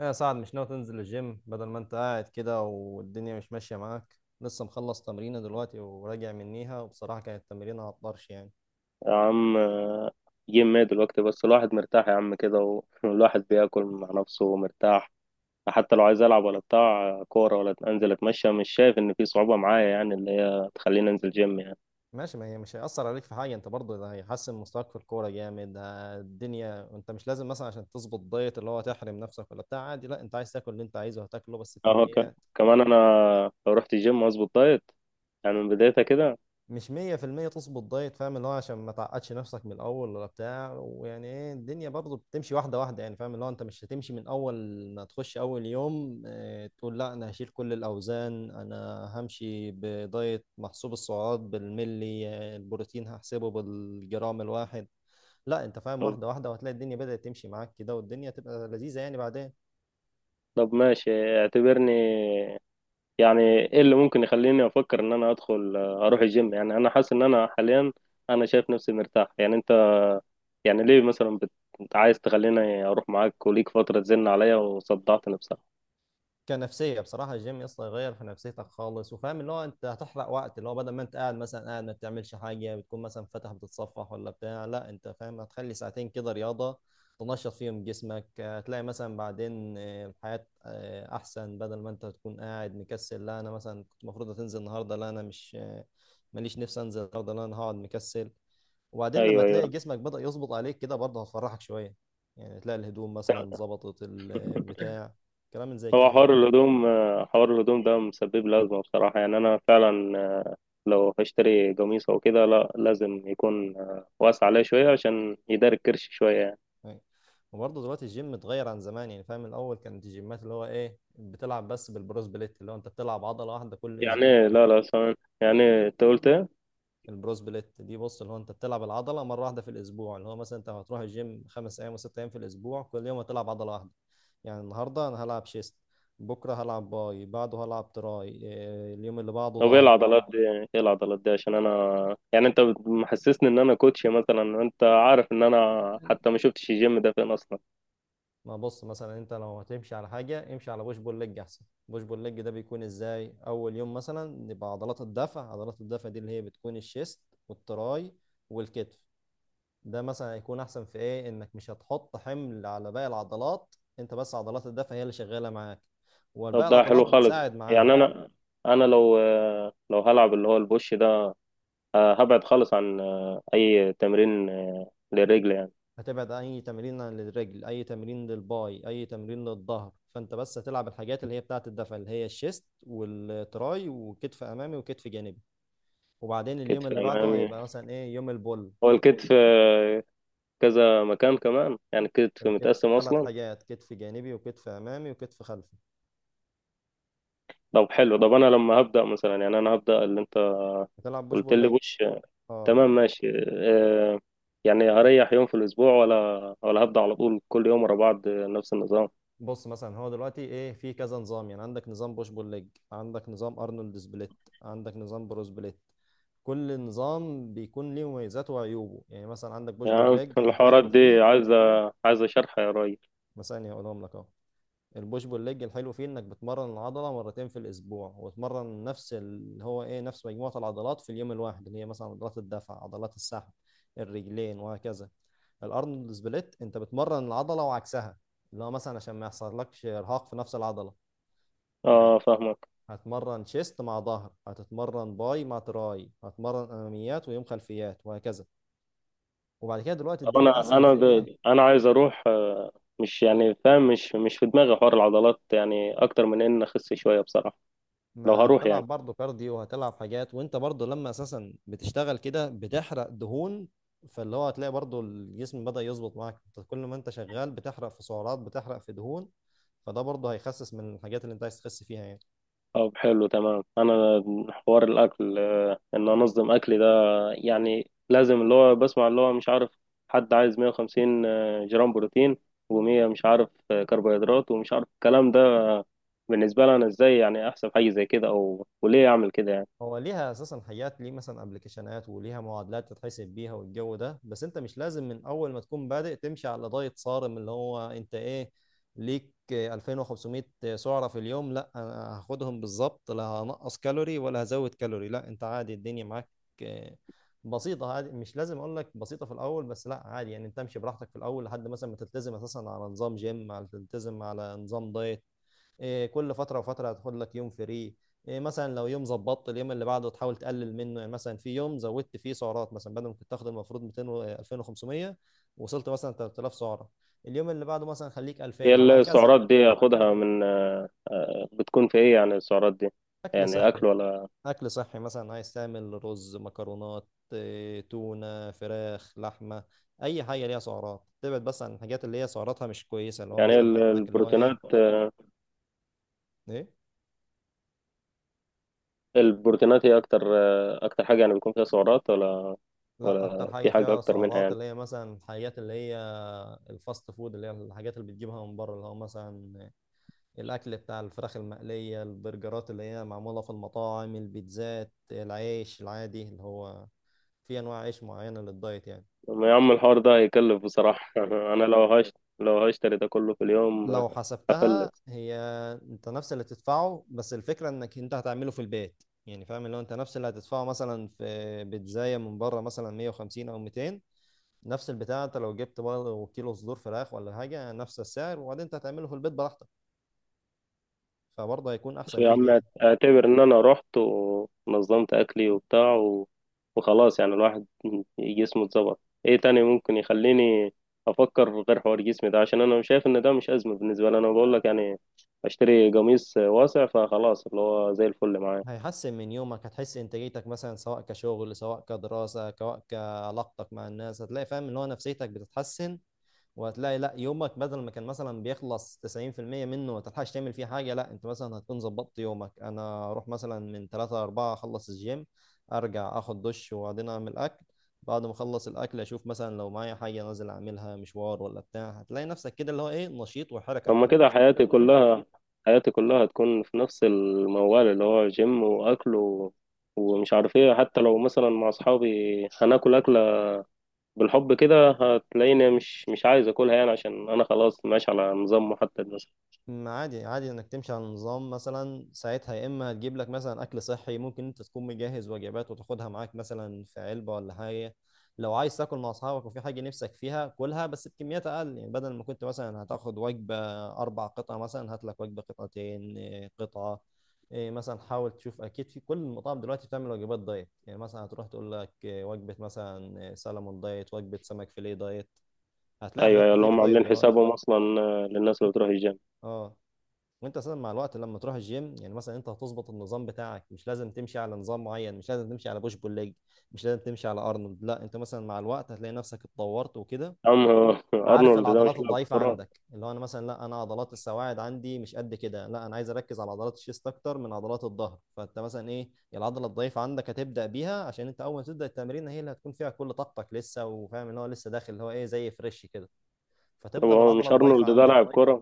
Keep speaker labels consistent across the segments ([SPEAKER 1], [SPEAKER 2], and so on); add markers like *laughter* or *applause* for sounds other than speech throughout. [SPEAKER 1] يا سعد مش ناوي تنزل الجيم بدل ما انت قاعد كده والدنيا مش ماشية معاك. لسه مخلص تمرينة دلوقتي وراجع منيها وبصراحة كانت تمرينة على الطرش يعني.
[SPEAKER 2] يا عم، جيم ايه دلوقتي بس؟ الواحد مرتاح يا عم كده *laughs* والواحد بياكل مع نفسه ومرتاح. حتى لو عايز العب ولا بتاع كوره ولا انزل اتمشى، مش شايف ان في صعوبه معايا يعني اللي هي تخليني انزل جيم يعني.
[SPEAKER 1] ماشي، ما هي مش هيأثر عليك في حاجة، انت برضه ده هيحسن مستواك في الكورة جامد. الدنيا انت مش لازم مثلا عشان تظبط دايت اللي هو تحرم نفسك ولا بتاع، عادي، لا انت عايز تاكل اللي انت عايزه هتاكله بس
[SPEAKER 2] اهو ك-
[SPEAKER 1] بكميات.
[SPEAKER 2] كمان انا لو رحت الجيم واظبط دايت يعني من بدايتها كده.
[SPEAKER 1] مش مية في المية تظبط دايت، فاهم اللي هو عشان ما تعقدش نفسك من الأول ولا بتاع، ويعني ايه، الدنيا برضه بتمشي واحدة واحدة يعني، فاهم اللي هو أنت مش هتمشي من أول ما تخش أول يوم اه تقول لا أنا هشيل كل الأوزان، أنا همشي بدايت محسوب السعرات بالملي، البروتين هحسبه بالجرام الواحد. لا أنت فاهم
[SPEAKER 2] طب
[SPEAKER 1] واحدة واحدة وهتلاقي الدنيا بدأت تمشي معاك كده والدنيا تبقى لذيذة يعني بعدين.
[SPEAKER 2] طب ماشي، اعتبرني يعني، ايه اللي ممكن يخليني افكر ان انا ادخل اروح الجيم؟ يعني انا حاسس ان انا حاليا انا شايف نفسي مرتاح. يعني انت، يعني ليه مثلا بت... انت عايز تخليني اروح معاك وليك فترة تزن عليا وصدعت نفسها.
[SPEAKER 1] كنفسيه بصراحه الجيم يسطا يغير في نفسيتك خالص، وفاهم اللي هو انت هتحرق وقت اللي هو بدل ما انت قاعد مثلا ما بتعملش حاجه، بتكون مثلا فاتح بتتصفح ولا بتاع، لا انت فاهم هتخلي ساعتين كده رياضه تنشط فيهم جسمك. هتلاقي مثلا بعدين الحياه احسن، بدل ما انت تكون قاعد مكسل لا انا مثلا كنت المفروض هتنزل النهارده، لا انا مش ماليش نفسي انزل النهارده، لا انا هقعد مكسل. وبعدين لما
[SPEAKER 2] ايوه،
[SPEAKER 1] تلاقي
[SPEAKER 2] ايوه.
[SPEAKER 1] جسمك بدأ يظبط عليك كده برضه هتفرحك شويه، يعني تلاقي الهدوم مثلا ظبطت البتاع، كلام من زي
[SPEAKER 2] هو
[SPEAKER 1] كده يعني.
[SPEAKER 2] حوار الهدوم، حوار الهدوم ده مسبب لي ازمه بصراحه، يعني انا فعلا لو هشتري قميص او كده لا لازم يكون واسع عليه شويه عشان يداري الكرش شويه يعني.
[SPEAKER 1] أيوة. وبرضه دلوقتي الجيم اتغير عن زمان، يعني فاهم، الاول كانت الجيمات اللي هو ايه بتلعب بس بالبروس بليت، اللي هو انت بتلعب عضله واحده كل
[SPEAKER 2] يعني إيه؟
[SPEAKER 1] اسبوع.
[SPEAKER 2] لا لا سامع. يعني إيه؟ انت قلت ايه؟
[SPEAKER 1] البروس بليت دي بص اللي هو انت بتلعب العضله مره واحده في الاسبوع، اللي هو مثلا انت هتروح الجيم خمس ايام وست ايام في الاسبوع، كل يوم هتلعب عضله واحده. يعني النهارده انا هلعب شيست، بكره هلعب باي، بعده هلعب تراي، اليوم اللي بعده
[SPEAKER 2] طب ايه
[SPEAKER 1] ظهر.
[SPEAKER 2] العضلات دي؟ ايه العضلات دي عشان انا يعني انت محسسني ان انا كوتش، مثلا انت عارف ان انا حتى ما شفتش الجيم ده فين اصلا.
[SPEAKER 1] ما بص مثلا انت لو هتمشي على حاجه امشي على بوش بول ليج احسن. بوش بول ليج ده بيكون ازاي؟ اول يوم مثلا نبقى عضلات الدفع، عضلات الدفع دي اللي هي بتكون الشيست والتراي والكتف. ده مثلا هيكون احسن في ايه؟ انك مش هتحط حمل على باقي العضلات، انت بس عضلات الدفع هي اللي شغاله معاك وباقي
[SPEAKER 2] طب ده
[SPEAKER 1] العضلات
[SPEAKER 2] حلو خالص،
[SPEAKER 1] بتساعد معاها.
[SPEAKER 2] يعني انا، لو لو هلعب اللي هو البوش ده، هبعد خالص عن اي تمرين للرجل يعني.
[SPEAKER 1] هتبعد اي تمرين للرجل، اي تمرين للباي، اي تمرين للظهر، فانت بس هتلعب الحاجات اللي هي بتاعه الدفع اللي هي الشيست والتراي وكتف امامي وكتف جانبي. وبعدين اليوم
[SPEAKER 2] كتف
[SPEAKER 1] اللي بعده
[SPEAKER 2] امامي،
[SPEAKER 1] هيبقى مثلا ايه، يوم البول.
[SPEAKER 2] هو الكتف كذا مكان كمان يعني؟ الكتف
[SPEAKER 1] الكتف
[SPEAKER 2] متقسم
[SPEAKER 1] ثلاث
[SPEAKER 2] اصلا؟
[SPEAKER 1] حاجات، كتف جانبي وكتف امامي وكتف خلفي.
[SPEAKER 2] طب حلو. طب انا لما هبدا مثلا، يعني انا هبدا اللي انت
[SPEAKER 1] هتلعب بوش
[SPEAKER 2] قلت
[SPEAKER 1] بول
[SPEAKER 2] لي،
[SPEAKER 1] ليج.
[SPEAKER 2] بوش
[SPEAKER 1] اه.
[SPEAKER 2] تمام، ماشي آه، يعني هريح يوم في الاسبوع ولا هبدا على طول كل يوم ورا بعض نفس النظام؟
[SPEAKER 1] بص مثلا هو دلوقتي ايه، في كذا نظام، يعني عندك نظام بوش بول ليج، عندك نظام ارنولد سبليت، عندك نظام برو سبليت. كل نظام بيكون ليه مميزاته وعيوبه، يعني مثلا عندك بوش بول
[SPEAKER 2] يعني *laughs*
[SPEAKER 1] ليج
[SPEAKER 2] الحوارات
[SPEAKER 1] الحلو فيه،
[SPEAKER 2] دي عايزه، عايزه شرح يا راجل.
[SPEAKER 1] مثلا هقولهم لك اهو. البوش بول ليج الحلو فيه انك بتمرن العضله مرتين في الاسبوع، وتمرن نفس اللي هو ايه نفس مجموعه العضلات في اليوم الواحد، اللي هي مثلا عضلات الدفع، عضلات السحب، الرجلين وهكذا. الارنولد سبليت انت بتمرن العضله وعكسها، اللي هو مثلا عشان ما يحصلكش ارهاق في نفس العضله،
[SPEAKER 2] اه
[SPEAKER 1] يعني
[SPEAKER 2] فاهمك.
[SPEAKER 1] هتمرن شيست مع ظهر، هتتمرن باي مع تراي، هتمرن اماميات ويوم خلفيات وهكذا. وبعد كده دلوقتي
[SPEAKER 2] طب
[SPEAKER 1] الدنيا اسهل في ايه،
[SPEAKER 2] انا عايز اروح، مش يعني فاهم مش في دماغي حوار العضلات يعني، اكتر من ان اخس شويه بصراحه. لو
[SPEAKER 1] ما
[SPEAKER 2] هروح
[SPEAKER 1] هتلعب
[SPEAKER 2] يعني.
[SPEAKER 1] برضه كارديو وهتلعب حاجات، وانت برضه لما اساسا بتشتغل كده بتحرق دهون، فاللي هو هتلاقي برضه الجسم بدأ يظبط معاك. انت كل ما انت شغال بتحرق في سعرات، بتحرق في دهون، فده برضه هيخسس من الحاجات اللي انت عايز تخس فيها يعني.
[SPEAKER 2] طب حلو تمام. انا حوار الاكل، ان انظم اكلي ده يعني لازم. اللي هو بسمع اللي هو مش عارف حد عايز 150 جرام بروتين و100 مش عارف كربوهيدرات ومش عارف الكلام ده بالنسبه لي انا، ازاي يعني احسب حاجه زي كده؟ او وليه اعمل كده يعني؟
[SPEAKER 1] هو ليها اساسا حاجات، ليه مثلا ابلكيشنات وليها معادلات تتحسب بيها والجو ده، بس انت مش لازم من اول ما تكون بادئ تمشي على دايت صارم، اللي هو انت ايه، ليك 2500 سعرة في اليوم لا انا هاخدهم بالظبط، لا هنقص كالوري ولا هزود كالوري، لا انت عادي الدنيا معاك آه، بسيطة. عادي مش لازم اقول لك بسيطة في الاول، بس لا عادي يعني انت امشي براحتك في الاول لحد مثلا ما تلتزم اساسا على نظام جيم، على تلتزم على نظام دايت. كل فتره وفتره هتاخد لك يوم فري. مثلا لو يوم ظبطت اليوم اللي بعده تحاول تقلل منه، يعني مثلا في يوم زودت فيه سعرات، مثلا بدل ما كنت تاخد المفروض 200 و 2500، وصلت مثلا 3000 سعره، اليوم اللي بعده مثلا خليك
[SPEAKER 2] هي
[SPEAKER 1] 2000 وهكذا.
[SPEAKER 2] السعرات دي اخدها من بتكون في ايه يعني السعرات دي؟
[SPEAKER 1] اكل
[SPEAKER 2] يعني
[SPEAKER 1] صحي.
[SPEAKER 2] اكل ولا،
[SPEAKER 1] اكل صحي مثلا، عايز تعمل رز، مكرونات، تونه، فراخ، لحمه، اي حاجه ليها سعرات، تبعد بس عن الحاجات اللي هي سعراتها مش كويسه، اللي هو
[SPEAKER 2] يعني
[SPEAKER 1] مثلا عندك اللي هو ايه.
[SPEAKER 2] البروتينات؟
[SPEAKER 1] ايه.
[SPEAKER 2] البروتينات هي اكتر، اكتر حاجه يعني بيكون فيها سعرات؟ ولا
[SPEAKER 1] لا
[SPEAKER 2] ولا
[SPEAKER 1] اكتر حاجه
[SPEAKER 2] في حاجه
[SPEAKER 1] فيها
[SPEAKER 2] اكتر منها
[SPEAKER 1] سعرات
[SPEAKER 2] يعني؟
[SPEAKER 1] اللي هي مثلا الحاجات اللي هي الفاست فود، اللي هي الحاجات اللي بتجيبها من بره، اللي هو مثلا الاكل بتاع الفراخ المقليه، البرجرات اللي هي معموله في المطاعم، البيتزات، العيش العادي، اللي هو في انواع عيش معينه للدايت يعني.
[SPEAKER 2] ما يا عم الحوار ده هيكلف بصراحه. *laughs* انا لو هش لو هشتري ده كله في اليوم
[SPEAKER 1] لو حسبتها
[SPEAKER 2] هفلس.
[SPEAKER 1] هي انت نفس اللي تدفعه، بس الفكره انك انت هتعمله في البيت، يعني فاهم اللي هو انت نفس اللي هتدفعه مثلا في بيتزايه من بره مثلا 150 او 200، نفس البتاع انت لو جبت برضه كيلو صدور فراخ ولا حاجه نفس السعر، وبعدين انت هتعمله في البيت براحتك، فبرضه هيكون احسن
[SPEAKER 2] يا
[SPEAKER 1] ليك
[SPEAKER 2] عم
[SPEAKER 1] يعني.
[SPEAKER 2] اعتبر ان انا رحت ونظمت اكلي وبتاع وخلاص يعني الواحد جسمه اتظبط، ايه تاني ممكن يخليني افكر غير حوار جسمي ده؟ عشان انا شايف ان ده مش ازمه بالنسبه لي انا، بقول لك يعني اشتري قميص واسع فخلاص اللي هو زي الفل معايا.
[SPEAKER 1] هيحسن من يومك، هتحس انتاجيتك مثلا سواء كشغل سواء كدراسة سواء كعلاقتك مع الناس، هتلاقي فاهم ان هو نفسيتك بتتحسن. وهتلاقي لا يومك بدل ما كان مثلا بيخلص 90% منه ما تلحقش تعمل فيه حاجة، لا انت مثلا هتكون ظبطت يومك، انا اروح مثلا من 3 4 اخلص الجيم، ارجع اخد دش، وبعدين اعمل اكل، بعد ما اخلص الاكل اشوف مثلا لو معايا حاجة نازل اعملها، مشوار ولا بتاع، هتلاقي نفسك كده اللي هو ايه نشيط وحركة.
[SPEAKER 2] اما كده حياتي كلها حياتي كلها هتكون في نفس الموال اللي هو جيم واكل ومش عارف ايه. حتى لو مثلا مع اصحابي هناكل اكله بالحب كده، هتلاقيني مش عايز اكلها يعني عشان انا خلاص ماشي على نظام محدد مثلا.
[SPEAKER 1] ما عادي، عادي انك تمشي على النظام مثلا، ساعتها يا اما هتجيب لك مثلا اكل صحي، ممكن انت تكون مجهز وجبات وتاخدها معاك مثلا في علبه ولا حاجه، لو عايز تاكل مع اصحابك وفي حاجه نفسك فيها كلها، بس بكميات اقل، يعني بدل ما كنت مثلا هتاخد وجبه اربع قطع، مثلا هات لك وجبه قطعتين، قطعه. مثلا حاول تشوف، اكيد في كل المطاعم دلوقتي بتعمل وجبات دايت، يعني مثلا هتروح تقول لك وجبه مثلا سلمون دايت، وجبه سمك فيليه دايت، هتلاقي
[SPEAKER 2] ايوه،
[SPEAKER 1] حاجات
[SPEAKER 2] ايوه، اللي
[SPEAKER 1] كتير
[SPEAKER 2] هم
[SPEAKER 1] دايت
[SPEAKER 2] عاملين
[SPEAKER 1] دلوقتي.
[SPEAKER 2] حسابهم اصلا، للناس اللي بتروح الجيم.
[SPEAKER 1] اه. وانت اساسا مع الوقت لما تروح الجيم، يعني مثلا انت هتظبط النظام بتاعك، مش لازم تمشي على نظام معين، مش لازم تمشي على بوش بول ليج، مش لازم تمشي على ارنولد، لا انت مثلا مع الوقت هتلاقي نفسك اتطورت وكده.
[SPEAKER 2] عم *laughs*
[SPEAKER 1] عارف
[SPEAKER 2] ارنولد ده مش
[SPEAKER 1] العضلات
[SPEAKER 2] لاعب
[SPEAKER 1] الضعيفه
[SPEAKER 2] كوره؟
[SPEAKER 1] عندك، اللي هو انا مثلا لا انا عضلات السواعد عندي مش قد كده، لا انا عايز اركز على عضلات الشيست اكتر من عضلات الظهر، فانت مثلا ايه العضله الضعيفه عندك هتبدا بيها، عشان انت اول ما تبدا التمرين هي اللي هتكون فيها كل طاقتك لسه، وفاهم ان هو لسه داخل اللي هو ايه زي فريش كده،
[SPEAKER 2] طب
[SPEAKER 1] فتبدا
[SPEAKER 2] هو
[SPEAKER 1] بالعضله
[SPEAKER 2] مش
[SPEAKER 1] الضعيفه
[SPEAKER 2] ارنولد ده
[SPEAKER 1] عندك.
[SPEAKER 2] لاعب كوره؟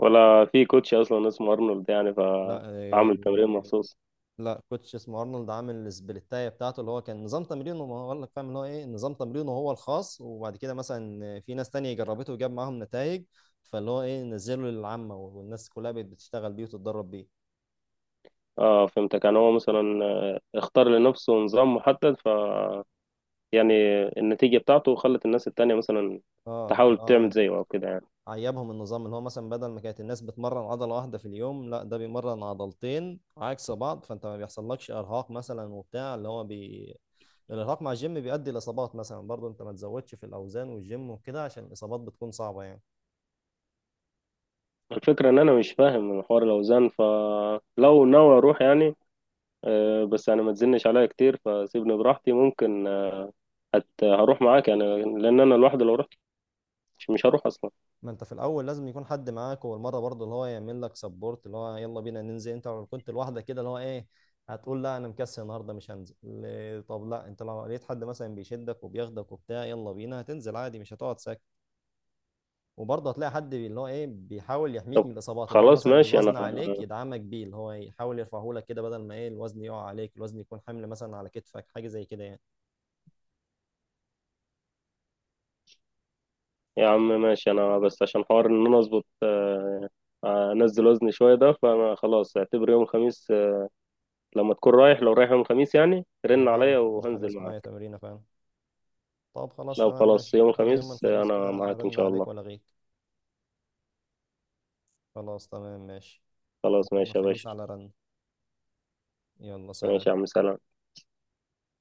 [SPEAKER 2] ولا في كوتش اصلا اسمه ارنولد يعني
[SPEAKER 1] لا.
[SPEAKER 2] فعامل تمرين مخصوص؟
[SPEAKER 1] كوتش اسمه ارنولد عامل السبليتايه بتاعته، اللي هو كان نظام تمرينه، ما هو قال لك، فاهم اللي هو ايه، نظام تمرينه هو الخاص، وبعد كده مثلا في ناس تانية جربته وجاب معاهم نتائج، فاللي هو ايه نزله للعامه والناس كلها بقت بتشتغل بيه وتتدرب بيه.
[SPEAKER 2] اه فهمتك، يعني هو مثلا اختار لنفسه نظام محدد، ف يعني النتيجه بتاعته خلت الناس التانية مثلا
[SPEAKER 1] اه
[SPEAKER 2] تحاول
[SPEAKER 1] اللي
[SPEAKER 2] تعمل
[SPEAKER 1] هو
[SPEAKER 2] زيه او كده يعني.
[SPEAKER 1] عيبهم النظام اللي هو مثلا بدل ما كانت الناس بتمرن عضله واحده في اليوم، لا ده بيمرن عضلتين عكس بعض، فانت ما بيحصلكش ارهاق مثلا وبتاع، اللي هو الارهاق مع الجيم بيؤدي لاصابات مثلا، برضه انت ما تزودش في الاوزان والجيم وكده عشان الاصابات بتكون صعبه يعني.
[SPEAKER 2] الفكرة إن أنا مش فاهم من حوار الأوزان، فلو ناوي أروح يعني بس يعني ما تزنش عليا كتير، فسيبني براحتي ممكن آه، هت هروح معاك يعني، لأن أنا لوحدي لو رحت مش هروح أصلا.
[SPEAKER 1] ما انت في الاول لازم يكون حد معاك والمره برضه، اللي هو يعمل لك سبورت، اللي هو يلا بينا ننزل، انت لو كنت لوحدك كده اللي هو ايه هتقول لا انا مكسل النهارده مش هنزل، طب لا انت لو لقيت حد مثلا بيشدك وبياخدك وبتاع يلا بينا هتنزل عادي، مش هتقعد ساكت. وبرضه هتلاقي حد اللي هو ايه بيحاول يحميك
[SPEAKER 2] طب
[SPEAKER 1] من الاصابات، اللي هو
[SPEAKER 2] خلاص،
[SPEAKER 1] مثلا
[SPEAKER 2] ماشي. أنا
[SPEAKER 1] الوزن عليك يدعمك بيه، اللي هو يحاول يرفعه لك كده بدل ما ايه الوزن يقع عليك، الوزن يكون حمل مثلا على كتفك، حاجه زي كده يعني.
[SPEAKER 2] يا عم ماشي، أنا بس عشان حوار إن أنا أظبط أنزل وزني شوية ده، فخلاص اعتبر يوم الخميس، لما تكون رايح، لو رايح يوم الخميس يعني
[SPEAKER 1] انا
[SPEAKER 2] رن
[SPEAKER 1] رايح
[SPEAKER 2] عليا
[SPEAKER 1] يوم
[SPEAKER 2] وهنزل
[SPEAKER 1] الخميس معايا
[SPEAKER 2] معاك.
[SPEAKER 1] تمرينه فعلا. طب خلاص
[SPEAKER 2] لو
[SPEAKER 1] تمام
[SPEAKER 2] خلاص
[SPEAKER 1] ماشي،
[SPEAKER 2] يوم
[SPEAKER 1] انا يوم
[SPEAKER 2] الخميس
[SPEAKER 1] الخميس كده
[SPEAKER 2] أنا معاك إن
[SPEAKER 1] رن
[SPEAKER 2] شاء
[SPEAKER 1] عليك
[SPEAKER 2] الله.
[SPEAKER 1] ولا غيك. خلاص تمام ماشي.
[SPEAKER 2] خلاص
[SPEAKER 1] ده يوم
[SPEAKER 2] ماشي يا باشا.
[SPEAKER 1] الخميس على رن. يلا سلام.
[SPEAKER 2] ماشي يا عم، سلام.